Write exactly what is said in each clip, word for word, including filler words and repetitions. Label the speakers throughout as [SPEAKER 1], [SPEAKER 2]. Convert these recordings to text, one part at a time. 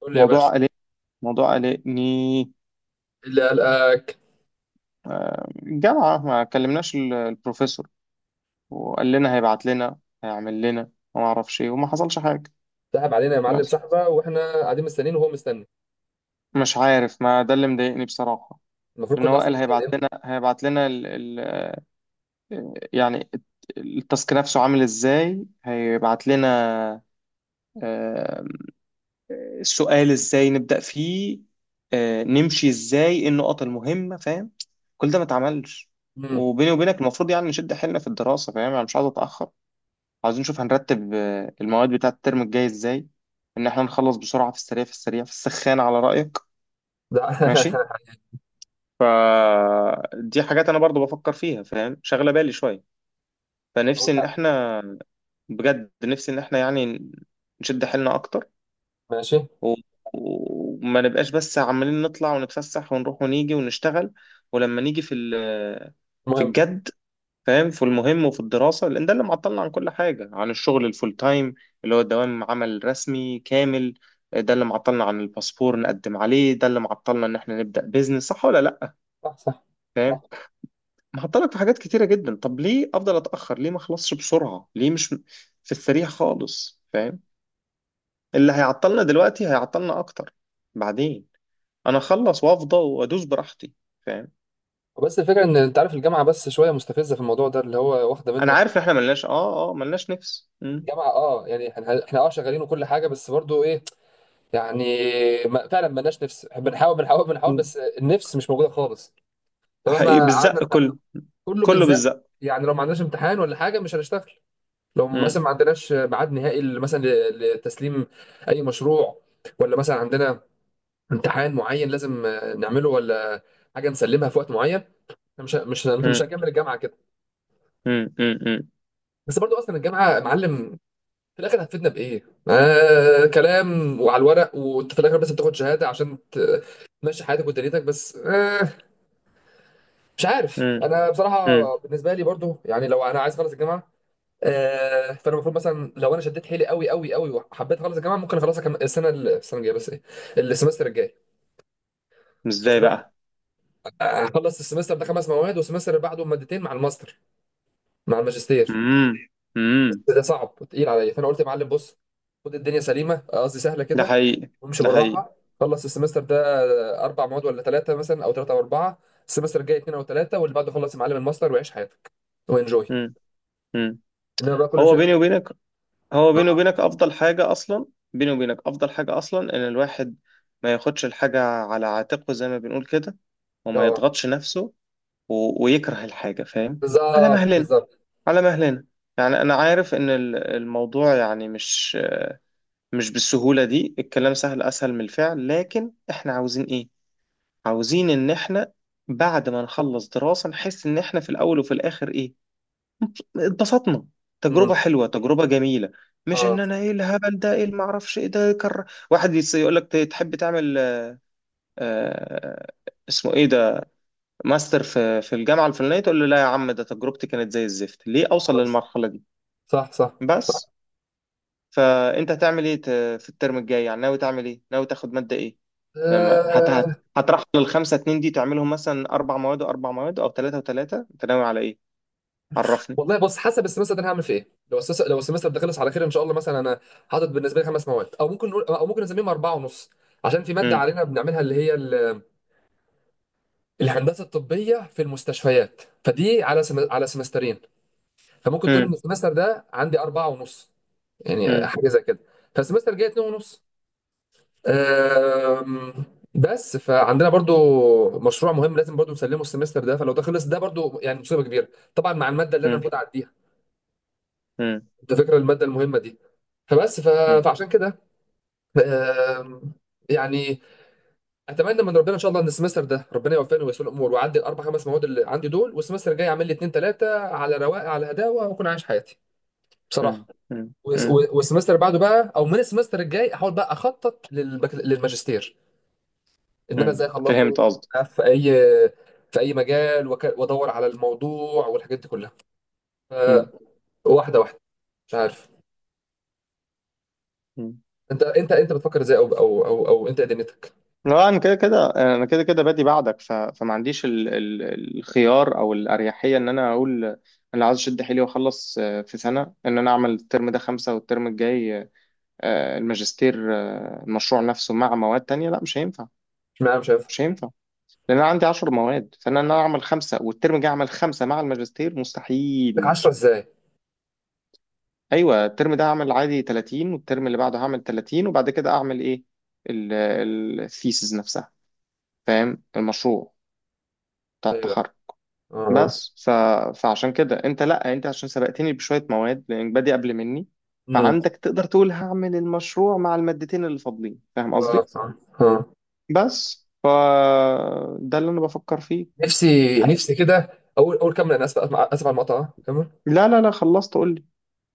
[SPEAKER 1] قول لي يا
[SPEAKER 2] موضوع
[SPEAKER 1] باشا.
[SPEAKER 2] قلق موضوع قلقني.
[SPEAKER 1] إيه اللي قلقك؟
[SPEAKER 2] آه، الجامعة ما كلمناش ال- البروفيسور، وقال لنا هيبعت لنا، هيعمل لنا وما اعرفش ايه وما حصلش حاجة.
[SPEAKER 1] سحب علينا يا معلم،
[SPEAKER 2] بس
[SPEAKER 1] سحبه واحنا قاعدين مستنيين وهو مستني.
[SPEAKER 2] مش عارف، ما ده اللي مضايقني بصراحة.
[SPEAKER 1] المفروض
[SPEAKER 2] لأن
[SPEAKER 1] كنا
[SPEAKER 2] هو
[SPEAKER 1] اصلا
[SPEAKER 2] قال
[SPEAKER 1] نستنى
[SPEAKER 2] هيبعت
[SPEAKER 1] امتى؟
[SPEAKER 2] لنا هيبعت لنا ال ال يعني التاسك نفسه عامل ازاي هيبعت لنا. آه، السؤال ازاي نبدأ فيه، آه، نمشي ازاي، ايه النقط المهمة، فاهم. كل ده ما اتعملش.
[SPEAKER 1] امم
[SPEAKER 2] وبيني وبينك المفروض يعني نشد حيلنا في الدراسة، فاهم، انا مش عايز اتأخر. عايزين نشوف هنرتب آه، المواد بتاعة الترم الجاي ازاي. ان احنا نخلص بسرعة، في السريع في السريع، في السخان على رأيك.
[SPEAKER 1] ده
[SPEAKER 2] ماشي. دي حاجات انا برضو بفكر فيها، فاهم، شغلة بالي شوية.
[SPEAKER 1] أقول
[SPEAKER 2] فنفسي ان
[SPEAKER 1] لأ.
[SPEAKER 2] احنا، بجد نفسي ان احنا يعني نشد حيلنا اكتر،
[SPEAKER 1] ماشي.
[SPEAKER 2] و- وما نبقاش بس عمالين نطلع ونتفسح ونروح ونيجي ونشتغل. ولما نيجي في ال- في
[SPEAKER 1] المهم،
[SPEAKER 2] الجد، فاهم، في المهم وفي الدراسة. لأن ده اللي معطلنا عن كل حاجة، عن الشغل الفول تايم اللي هو الدوام، عمل رسمي كامل. ده اللي معطلنا عن الباسبور نقدم عليه، ده اللي معطلنا إن إحنا نبدأ بيزنس. صح ولا لأ؟
[SPEAKER 1] صح صح
[SPEAKER 2] فاهم.
[SPEAKER 1] صح.
[SPEAKER 2] معطلك في حاجات كتيرة جدا. طب ليه أفضل أتأخر؟ ليه ما أخلصش بسرعة؟ ليه مش في السريع خالص، فاهم. اللي هيعطلنا دلوقتي هيعطلنا أكتر بعدين. انا اخلص وافضى وادوس براحتي، فاهم.
[SPEAKER 1] بس الفكره ان انت عارف الجامعه بس شويه مستفزه في الموضوع ده اللي هو واخده
[SPEAKER 2] انا
[SPEAKER 1] منك.
[SPEAKER 2] عارف ان احنا ملناش اه اه ملناش نفس. مم.
[SPEAKER 1] الجامعه اه، يعني احنا احنا اه شغالين وكل حاجه، بس برضو ايه يعني، ما فعلا مالناش نفس. بنحاول بنحاول بنحاول
[SPEAKER 2] مم.
[SPEAKER 1] بس النفس مش موجوده خالص.
[SPEAKER 2] حقيقي
[SPEAKER 1] فمهما قعدنا
[SPEAKER 2] بالزق كله.
[SPEAKER 1] نح- كله
[SPEAKER 2] كله
[SPEAKER 1] بيزق.
[SPEAKER 2] بالزق.
[SPEAKER 1] يعني لو ما عندناش امتحان ولا حاجه مش هنشتغل. لو مثلا
[SPEAKER 2] مم.
[SPEAKER 1] ما عندناش ميعاد نهائي ل- مثلا ل- لتسليم اي مشروع، ولا مثلا عندنا امتحان معين لازم آه، نعمله، ولا حاجه نسلمها في وقت معين، إحنا مش مش مش
[SPEAKER 2] مم.
[SPEAKER 1] هنكمل الجامعه كده.
[SPEAKER 2] مم. مم. مم.
[SPEAKER 1] بس برضو اصلا الجامعه معلم، في الاخر هتفيدنا بايه؟ آه كلام وعلى الورق، وانت في الاخر بس بتاخد شهاده عشان ت- تمشي حياتك ودنيتك، بس آه مش عارف،
[SPEAKER 2] مم.
[SPEAKER 1] انا
[SPEAKER 2] مم.
[SPEAKER 1] بصراحه بالنسبه لي برضو يعني لو انا عايز اخلص الجامعه، آه، فانا المفروض مثلا لو انا شديت حيلي قوي قوي قوي وحبيت اخلص الجامعه ممكن اخلصها كم... السنه ال- السنه الجايه، بس ايه، السمستر الجاي. بس
[SPEAKER 2] ازاي
[SPEAKER 1] انا
[SPEAKER 2] بقى؟
[SPEAKER 1] اخلص السمستر ده خمس مواد، والسمستر اللي بعده مادتين مع الماستر، مع الماجستير،
[SPEAKER 2] مم. مم.
[SPEAKER 1] ده صعب وتقيل عليا. فانا قلت يا معلم بص، خد الدنيا سليمه، قصدي سهله
[SPEAKER 2] ده
[SPEAKER 1] كده،
[SPEAKER 2] حقيقي.
[SPEAKER 1] وامشي
[SPEAKER 2] ده حقيقي.
[SPEAKER 1] بالراحه. خلص السمستر ده اربع مواد ولا ثلاثه، مثلا او ثلاثه او اربعه، السمستر الجاي اثنين او ثلاثه، واللي بعده خلص يا معلم الماستر وعيش حياتك وانجوي.
[SPEAKER 2] مم. مم.
[SPEAKER 1] انما بقى كل
[SPEAKER 2] هو
[SPEAKER 1] شيء.
[SPEAKER 2] بيني وبينك هو بيني
[SPEAKER 1] اه
[SPEAKER 2] وبينك افضل حاجة اصلا. بيني وبينك افضل حاجة اصلا ان الواحد ما ياخدش الحاجة على عاتقه زي ما بنقول كده، وما
[SPEAKER 1] اه،
[SPEAKER 2] يضغطش نفسه و... ويكره الحاجة، فاهم. على
[SPEAKER 1] بالظبط
[SPEAKER 2] مهلنا،
[SPEAKER 1] بالظبط.
[SPEAKER 2] على مهلنا. يعني انا عارف ان ال- الموضوع يعني مش مش بالسهولة دي. الكلام سهل اسهل من الفعل، لكن احنا عاوزين ايه؟ عاوزين ان احنا بعد ما نخلص دراسة نحس ان احنا في الاول وفي الاخر ايه، اتبسطنا،
[SPEAKER 1] مم.
[SPEAKER 2] تجربة حلوة، تجربة جميلة. مش ان
[SPEAKER 1] اه
[SPEAKER 2] انا ايه الهبل ده، ايه المعرفش ايه ده كر... واحد يقول لك تحب تعمل، آه اسمه ايه ده، ماستر في في الجامعة الفلانية، تقول له لا يا عم، ده تجربتي كانت زي الزفت، ليه اوصل
[SPEAKER 1] اه،
[SPEAKER 2] للمرحلة دي.
[SPEAKER 1] صح صح صح.
[SPEAKER 2] بس. فانت هتعمل ايه ت- في الترم الجاي يعني؟ ناوي تعمل ايه؟ ناوي تاخد ماده ايه؟ لما هت هت
[SPEAKER 1] أه...
[SPEAKER 2] هترحل الخمسه اتنين دي تعملهم مثلا اربع مواد واربع مواد او ثلاثه وثلاثه؟ انت ناوي على ايه؟ عرفني.
[SPEAKER 1] والله بص، حسب السمستر ده انا هعمل فيه ايه. لو السس... لو السمستر ده خلص على خير ان شاء الله، مثلا انا حاطط بالنسبه لي خمس مواد، او ممكن نقول او ممكن نسميهم اربعه ونص، عشان في ماده
[SPEAKER 2] مم.
[SPEAKER 1] علينا بنعملها اللي هي ال... الهندسه الطبيه في المستشفيات، فدي على سم... على سمسترين. فممكن تقول
[SPEAKER 2] مم.
[SPEAKER 1] ان السمستر ده عندي اربعه ونص، يعني
[SPEAKER 2] مم.
[SPEAKER 1] حاجه زي كده. فالسمستر الجاي اتنين ونص. أم... بس فعندنا برضو مشروع مهم لازم برضو نسلمه السمستر ده، فلو ده خلص ده برضو يعني مصيبه كبيره، طبعا مع الماده اللي انا
[SPEAKER 2] مم.
[SPEAKER 1] المفروض اعديها،
[SPEAKER 2] مم.
[SPEAKER 1] انت فاكر الماده المهمه دي. فبس ف-
[SPEAKER 2] مم.
[SPEAKER 1] فعشان كده آم، يعني اتمنى من ربنا ان شاء الله ان السمستر ده ربنا يوفقني ويسر الامور واعدي الاربع خمس مواد اللي عندي دول، والسمستر الجاي اعمل لي اتنين تلاته على رواقه على هداوه، واكون عايش حياتي
[SPEAKER 2] مم.
[SPEAKER 1] بصراحه.
[SPEAKER 2] مم.
[SPEAKER 1] والس-
[SPEAKER 2] مم.
[SPEAKER 1] والسمستر بعده بقى، او من السمستر الجاي احاول بقى اخطط للبك... للماجستير، ان انا
[SPEAKER 2] مم.
[SPEAKER 1] ازاي اخلصه،
[SPEAKER 2] فهمت قصدي.
[SPEAKER 1] في اي في اي مجال، وك... وادور على الموضوع والحاجات دي كلها. ف-
[SPEAKER 2] مم.
[SPEAKER 1] واحده واحده، مش عارف.
[SPEAKER 2] مم.
[SPEAKER 1] انت انت انت بتفكر ازاي او او او, أو انت إيه دنيتك؟
[SPEAKER 2] لا، انا كده كده. انا كده كده بادي بعدك، ف... فما عنديش ال... ال... الخيار او الاريحيه ان انا اقول انا عايز اشد حيلي واخلص آه، في سنه. ان انا اعمل الترم ده خمسه والترم الجاي آه، آه، الماجستير آه، المشروع نفسه مع مواد تانية، لا مش هينفع.
[SPEAKER 1] اشمعنى مش شايفها
[SPEAKER 2] مش هينفع. لأن أنا عندي عشر مواد. فأنا إن أنا أعمل خمسة والترم الجاي أعمل خمسة مع الماجستير
[SPEAKER 1] لك
[SPEAKER 2] مستحيل.
[SPEAKER 1] عشرة ازاي؟
[SPEAKER 2] أيوة، الترم ده هعمل عادي تلاتين والترم اللي بعده هعمل تلاتين وبعد كده أعمل إيه؟ الثيسز نفسها، فاهم، المشروع بتاع
[SPEAKER 1] ايوه.
[SPEAKER 2] التخرج.
[SPEAKER 1] اه اه،
[SPEAKER 2] بس ف... فعشان كده أنت لأ، أنت عشان سبقتني بشوية مواد لأنك بادئ قبل مني،
[SPEAKER 1] امم.
[SPEAKER 2] فعندك تقدر تقول هعمل المشروع مع المادتين اللي فاضلين، فاهم
[SPEAKER 1] اه
[SPEAKER 2] قصدي؟
[SPEAKER 1] صح، اه
[SPEAKER 2] بس ف ده اللي انا بفكر فيه.
[SPEAKER 1] نفسي نفسي كده اقول. اقول كمل، انا اسف اسف على المقطع، كمل.
[SPEAKER 2] لا لا لا، خلصت قول لي.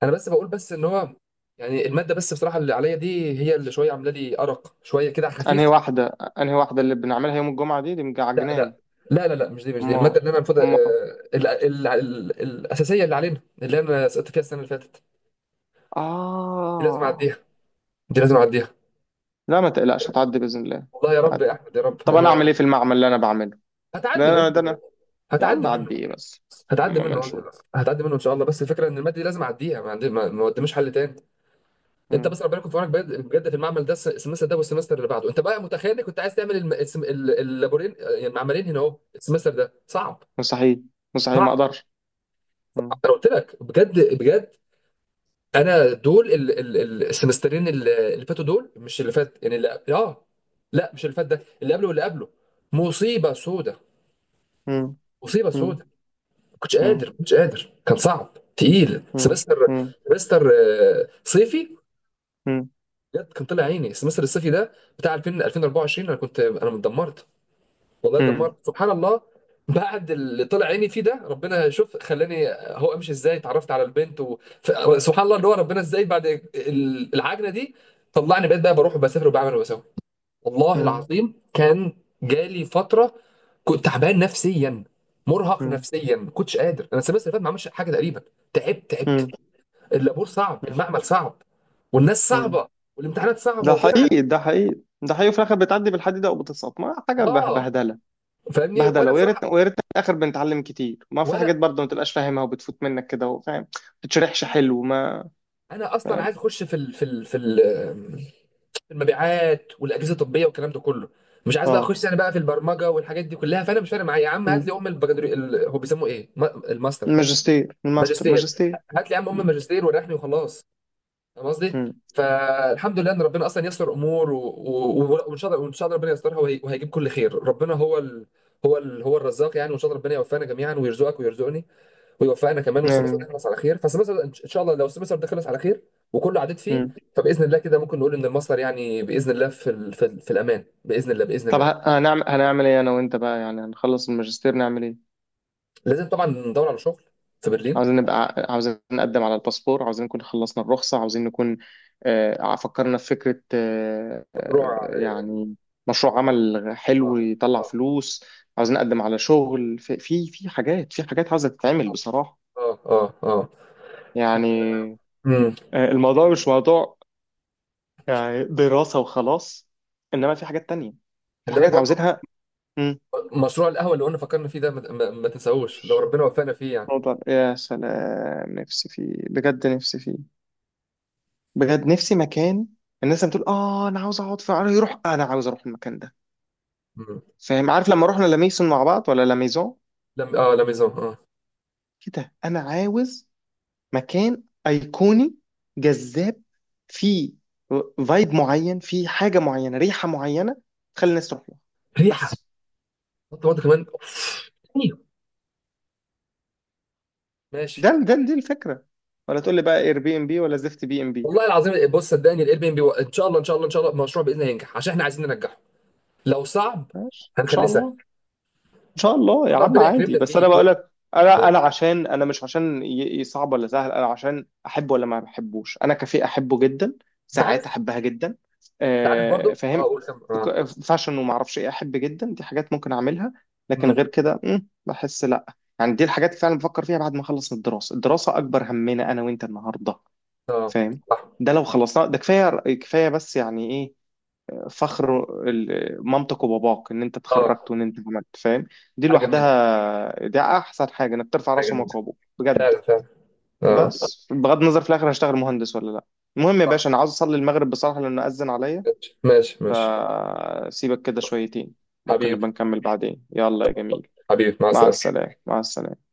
[SPEAKER 1] انا بس بقول بس ان هو يعني الماده بس بصراحه اللي عليا دي، هي اللي شويه عامله لي ارق شويه كده على خفيف.
[SPEAKER 2] انهي واحده؟ انهي واحده اللي بنعملها يوم الجمعه دي؟ دي
[SPEAKER 1] لا لا،
[SPEAKER 2] مجعجنانه.
[SPEAKER 1] لا لا لا مش دي، مش دي
[SPEAKER 2] اما
[SPEAKER 1] الماده اللي انا المفروض آه،
[SPEAKER 2] اما
[SPEAKER 1] ال- ال- ال- الاساسيه اللي علينا اللي انا سقطت فيها السنه اللي فاتت. دي لازم
[SPEAKER 2] اه.
[SPEAKER 1] اعديها، دي لازم اعديها.
[SPEAKER 2] لا ما تقلقش، هتعدي باذن الله.
[SPEAKER 1] والله يا رب،
[SPEAKER 2] هتعدي.
[SPEAKER 1] يا احمد يا رب
[SPEAKER 2] طب انا اعمل
[SPEAKER 1] انا.
[SPEAKER 2] ايه في المعمل اللي انا بعمله؟ ده
[SPEAKER 1] هتعدي
[SPEAKER 2] انا
[SPEAKER 1] منه،
[SPEAKER 2] ده انا يا عم
[SPEAKER 1] هتعدي
[SPEAKER 2] اعدي
[SPEAKER 1] منه،
[SPEAKER 2] ايه بس؟
[SPEAKER 1] هتعدي
[SPEAKER 2] اما ما
[SPEAKER 1] منه،
[SPEAKER 2] نشوف.
[SPEAKER 1] هتعدي منه ان شاء الله. بس الفكره ان الماده دي لازم اعديها، ما عندي ما ما قداميش حل تاني. انت
[SPEAKER 2] مم.
[SPEAKER 1] مثلا ربنا يكون في عونك بجد بجد في المعمل ده الس- السمستر ده والسمستر اللي بعده. انت بقى متخيل انك كنت عايز تعمل الم- السم- ال- اللابورين، يعني المعملين هنا اهو. السمستر ده صعب،
[SPEAKER 2] مستحيل. مستحيل، ما
[SPEAKER 1] صعب.
[SPEAKER 2] اقدرش. مم.
[SPEAKER 1] انا قلت لك بجد بجد، انا دول ال- ال- ال- السمسترين اللي اللي فاتوا دول، مش اللي فات يعني، اللي اه، لا مش اللي فات، ده اللي قبله واللي قبله. مصيبه سودة،
[SPEAKER 2] مم.
[SPEAKER 1] مصيبه
[SPEAKER 2] مم.
[SPEAKER 1] سودة. كنتش
[SPEAKER 2] مم.
[SPEAKER 1] قادر، كنتش قادر، كان صعب تقيل
[SPEAKER 2] مم.
[SPEAKER 1] سمستر،
[SPEAKER 2] مم.
[SPEAKER 1] سمستر آه، صيفي. بجد كان طلع عيني السمستر الصيفي ده بتاع ألفين ألفين واربعة وعشرين. انا كنت انا اتدمرت، والله
[SPEAKER 2] مم.
[SPEAKER 1] اتدمرت سبحان الله. بعد اللي طلع عيني فيه ده ربنا شوف خلاني هو امشي ازاي، اتعرفت على البنت و... ف- سبحان الله، اللي هو ربنا ازاي بعد ال- العجنه دي طلعني، بقيت بقى بروح وبسافر وبعمل وبسوي. والله
[SPEAKER 2] مم.
[SPEAKER 1] العظيم كان جالي فتره كنت تعبان نفسيا، مرهق
[SPEAKER 2] مم.
[SPEAKER 1] نفسيا، ما كنتش قادر. انا السمستر اللي فات ما عملش حاجه تقريبا. تعبت
[SPEAKER 2] مم.
[SPEAKER 1] تعبت. اللابور صعب، المعمل صعب، والناس
[SPEAKER 2] مم.
[SPEAKER 1] صعبه، والامتحانات صعبه،
[SPEAKER 2] ده
[SPEAKER 1] وفي الاخر عد-
[SPEAKER 2] حقيقي، ده حقيقي، ده حقيقي. في الاخر بتعدي بالحديده وبتسقط، ما حاجه به-
[SPEAKER 1] اه
[SPEAKER 2] بهدله.
[SPEAKER 1] فاهمني.
[SPEAKER 2] بهدله.
[SPEAKER 1] وانا
[SPEAKER 2] ويا
[SPEAKER 1] بصراحه،
[SPEAKER 2] ريتنا، ويا ريتنا في الاخر بنتعلم كتير. ما في حاجات
[SPEAKER 1] ولا
[SPEAKER 2] برضه ما تبقاش فاهمها وبتفوت منك كده، وفاهم ما بتتشرحش حلو، ما،
[SPEAKER 1] انا اصلا
[SPEAKER 2] فاهم.
[SPEAKER 1] عايز اخش في ال... في ال... في ال... في المبيعات والاجهزه الطبيه والكلام ده كله، مش عايز بقى
[SPEAKER 2] اه.
[SPEAKER 1] اخش انا بقى في البرمجه والحاجات دي كلها. فانا مش فارق معايا يا عم، هات لي
[SPEAKER 2] مم.
[SPEAKER 1] ام البكالوريوس ال... هو بيسموه ايه؟ ما- الماستر
[SPEAKER 2] الماجستير، الماستر،
[SPEAKER 1] ماجستير،
[SPEAKER 2] ماجستير.
[SPEAKER 1] هات لي يا عم ام
[SPEAKER 2] مم.
[SPEAKER 1] الماجستير وريحني وخلاص، فاهم قصدي؟
[SPEAKER 2] مم.
[SPEAKER 1] فالحمد لله ان ربنا اصلا يسر امور و- و- وان شاء الله، وان شاء الله ربنا يسترها وهي- وهيجيب كل خير. ربنا هو ال... هو ال... هو الرزاق يعني، وان شاء الله ربنا يوفقنا جميعا ويرزقك ويرزقني ويوفقنا كمان، والسمستر ده
[SPEAKER 2] مم.
[SPEAKER 1] يخلص على خير. فالسمستر ان شاء الله لو السمستر ده خلص على خير وكله عديت فيه،
[SPEAKER 2] مم.
[SPEAKER 1] فباذن الله كده ممكن نقول ان المصدر يعني باذن الله في ال... في, ال... في الامان باذن الله باذن
[SPEAKER 2] طب
[SPEAKER 1] الله.
[SPEAKER 2] ه- هنعمل هنعمل ايه انا وانت بقى؟ يعني هنخلص الماجستير نعمل ايه؟
[SPEAKER 1] لازم طبعا ندور على شغل في برلين.
[SPEAKER 2] عاوزين نبقى، عاوزين نقدم على الباسبور، عاوزين نكون خلصنا الرخصة، عاوزين نكون آه، فكرنا في فكرة آه،
[SPEAKER 1] مشروع،
[SPEAKER 2] آه، يعني مشروع عمل
[SPEAKER 1] اه
[SPEAKER 2] حلو يطلع
[SPEAKER 1] اه
[SPEAKER 2] فلوس. عاوزين نقدم على شغل في في في حاجات، في حاجات عاوزة تتعمل بصراحة،
[SPEAKER 1] اه اه اه،
[SPEAKER 2] يعني.
[SPEAKER 1] امم.
[SPEAKER 2] آه، الموضوع مش موضوع يعني دراسة وخلاص، إنما في حاجات تانية، في
[SPEAKER 1] خلي بالك
[SPEAKER 2] حاجات
[SPEAKER 1] برضه،
[SPEAKER 2] عاوزينها. مم.
[SPEAKER 1] مشروع القهوه اللي قلنا فكرنا فيه ده ما, ما, ما تنساهوش، لو ربنا وفقنا فيه يعني.
[SPEAKER 2] موضوع يا سلام، نفسي فيه بجد، نفسي فيه بجد، نفسي مكان. الناس بتقول اه انا عاوز اقعد في عربي يروح، آه، انا عاوز اروح المكان ده،
[SPEAKER 1] مم.
[SPEAKER 2] فاهم. عارف لما رحنا لميسون مع بعض، ولا لميزون،
[SPEAKER 1] لم، اه لميزون اه.
[SPEAKER 2] كده. انا عاوز مكان ايقوني جذاب، فيه فايب معين، فيه حاجه معينه، ريحه معينه، تخلي الناس تروح له.
[SPEAKER 1] ريحه.
[SPEAKER 2] بس.
[SPEAKER 1] حط برضه كمان. أيوه. ماشي.
[SPEAKER 2] ده ده دي الفكره. ولا تقول لي بقى اير بي ام بي ولا زفت بي ام بي.
[SPEAKER 1] والله العظيم بص، صدقني الاير بي ام بي ان شاء الله ان شاء الله ان شاء الله المشروع باذن الله ينجح، عشان احنا عايزين ننجحه. لو صعب
[SPEAKER 2] ماشي ان شاء
[SPEAKER 1] هنخليه سهل ان
[SPEAKER 2] الله. ان شاء الله
[SPEAKER 1] شاء
[SPEAKER 2] يا
[SPEAKER 1] الله
[SPEAKER 2] عم
[SPEAKER 1] ربنا
[SPEAKER 2] عادي،
[SPEAKER 1] يكرمنا
[SPEAKER 2] بس انا
[SPEAKER 1] فيه و...
[SPEAKER 2] بقول لك، انا
[SPEAKER 1] آه.
[SPEAKER 2] انا عشان انا مش عشان ي- ي- صعب ولا سهل، انا عشان احب ولا ما بحبوش. انا كافيه احبه جدا.
[SPEAKER 1] انت عارف،
[SPEAKER 2] ساعات احبها جدا.
[SPEAKER 1] انت عارف
[SPEAKER 2] آه،
[SPEAKER 1] برضه اه،
[SPEAKER 2] فاهم.
[SPEAKER 1] قول كم اه.
[SPEAKER 2] ك- فاشن وما اعرفش ايه، احب جدا. دي حاجات ممكن اعملها، لكن
[SPEAKER 1] مم.
[SPEAKER 2] غير كده مم، بحس لا. يعني دي الحاجات فعلا بفكر فيها بعد ما اخلص من الدراسه. الدراسه اكبر همنا انا وانت النهارده،
[SPEAKER 1] اه
[SPEAKER 2] فاهم.
[SPEAKER 1] صح.
[SPEAKER 2] ده لو خلصنا ده كفايه. كفايه. بس يعني ايه، فخر ال- مامتك وباباك ان انت
[SPEAKER 1] اه،
[SPEAKER 2] اتخرجت وان انت عملت، فاهم. دي
[SPEAKER 1] حاجه جميله،
[SPEAKER 2] لوحدها دي احسن حاجه، انك ترفع
[SPEAKER 1] حاجه
[SPEAKER 2] راس
[SPEAKER 1] جميله،
[SPEAKER 2] امك وابوك بجد.
[SPEAKER 1] فعلا فعلا. اه
[SPEAKER 2] بس بغض النظر، في الاخر هشتغل مهندس ولا لا. المهم يا
[SPEAKER 1] صح.
[SPEAKER 2] باشا، انا عاوز اصلي المغرب بصراحه لانه اذن عليا.
[SPEAKER 1] ماشي ماشي ماشي.
[SPEAKER 2] فسيبك كده شويتين، ممكن
[SPEAKER 1] حبيبي،
[SPEAKER 2] نبقى نكمل بعدين. يلا يا جميل،
[SPEAKER 1] حبيبي مع
[SPEAKER 2] مع
[SPEAKER 1] السلامه.
[SPEAKER 2] السلامه، مع السلامه.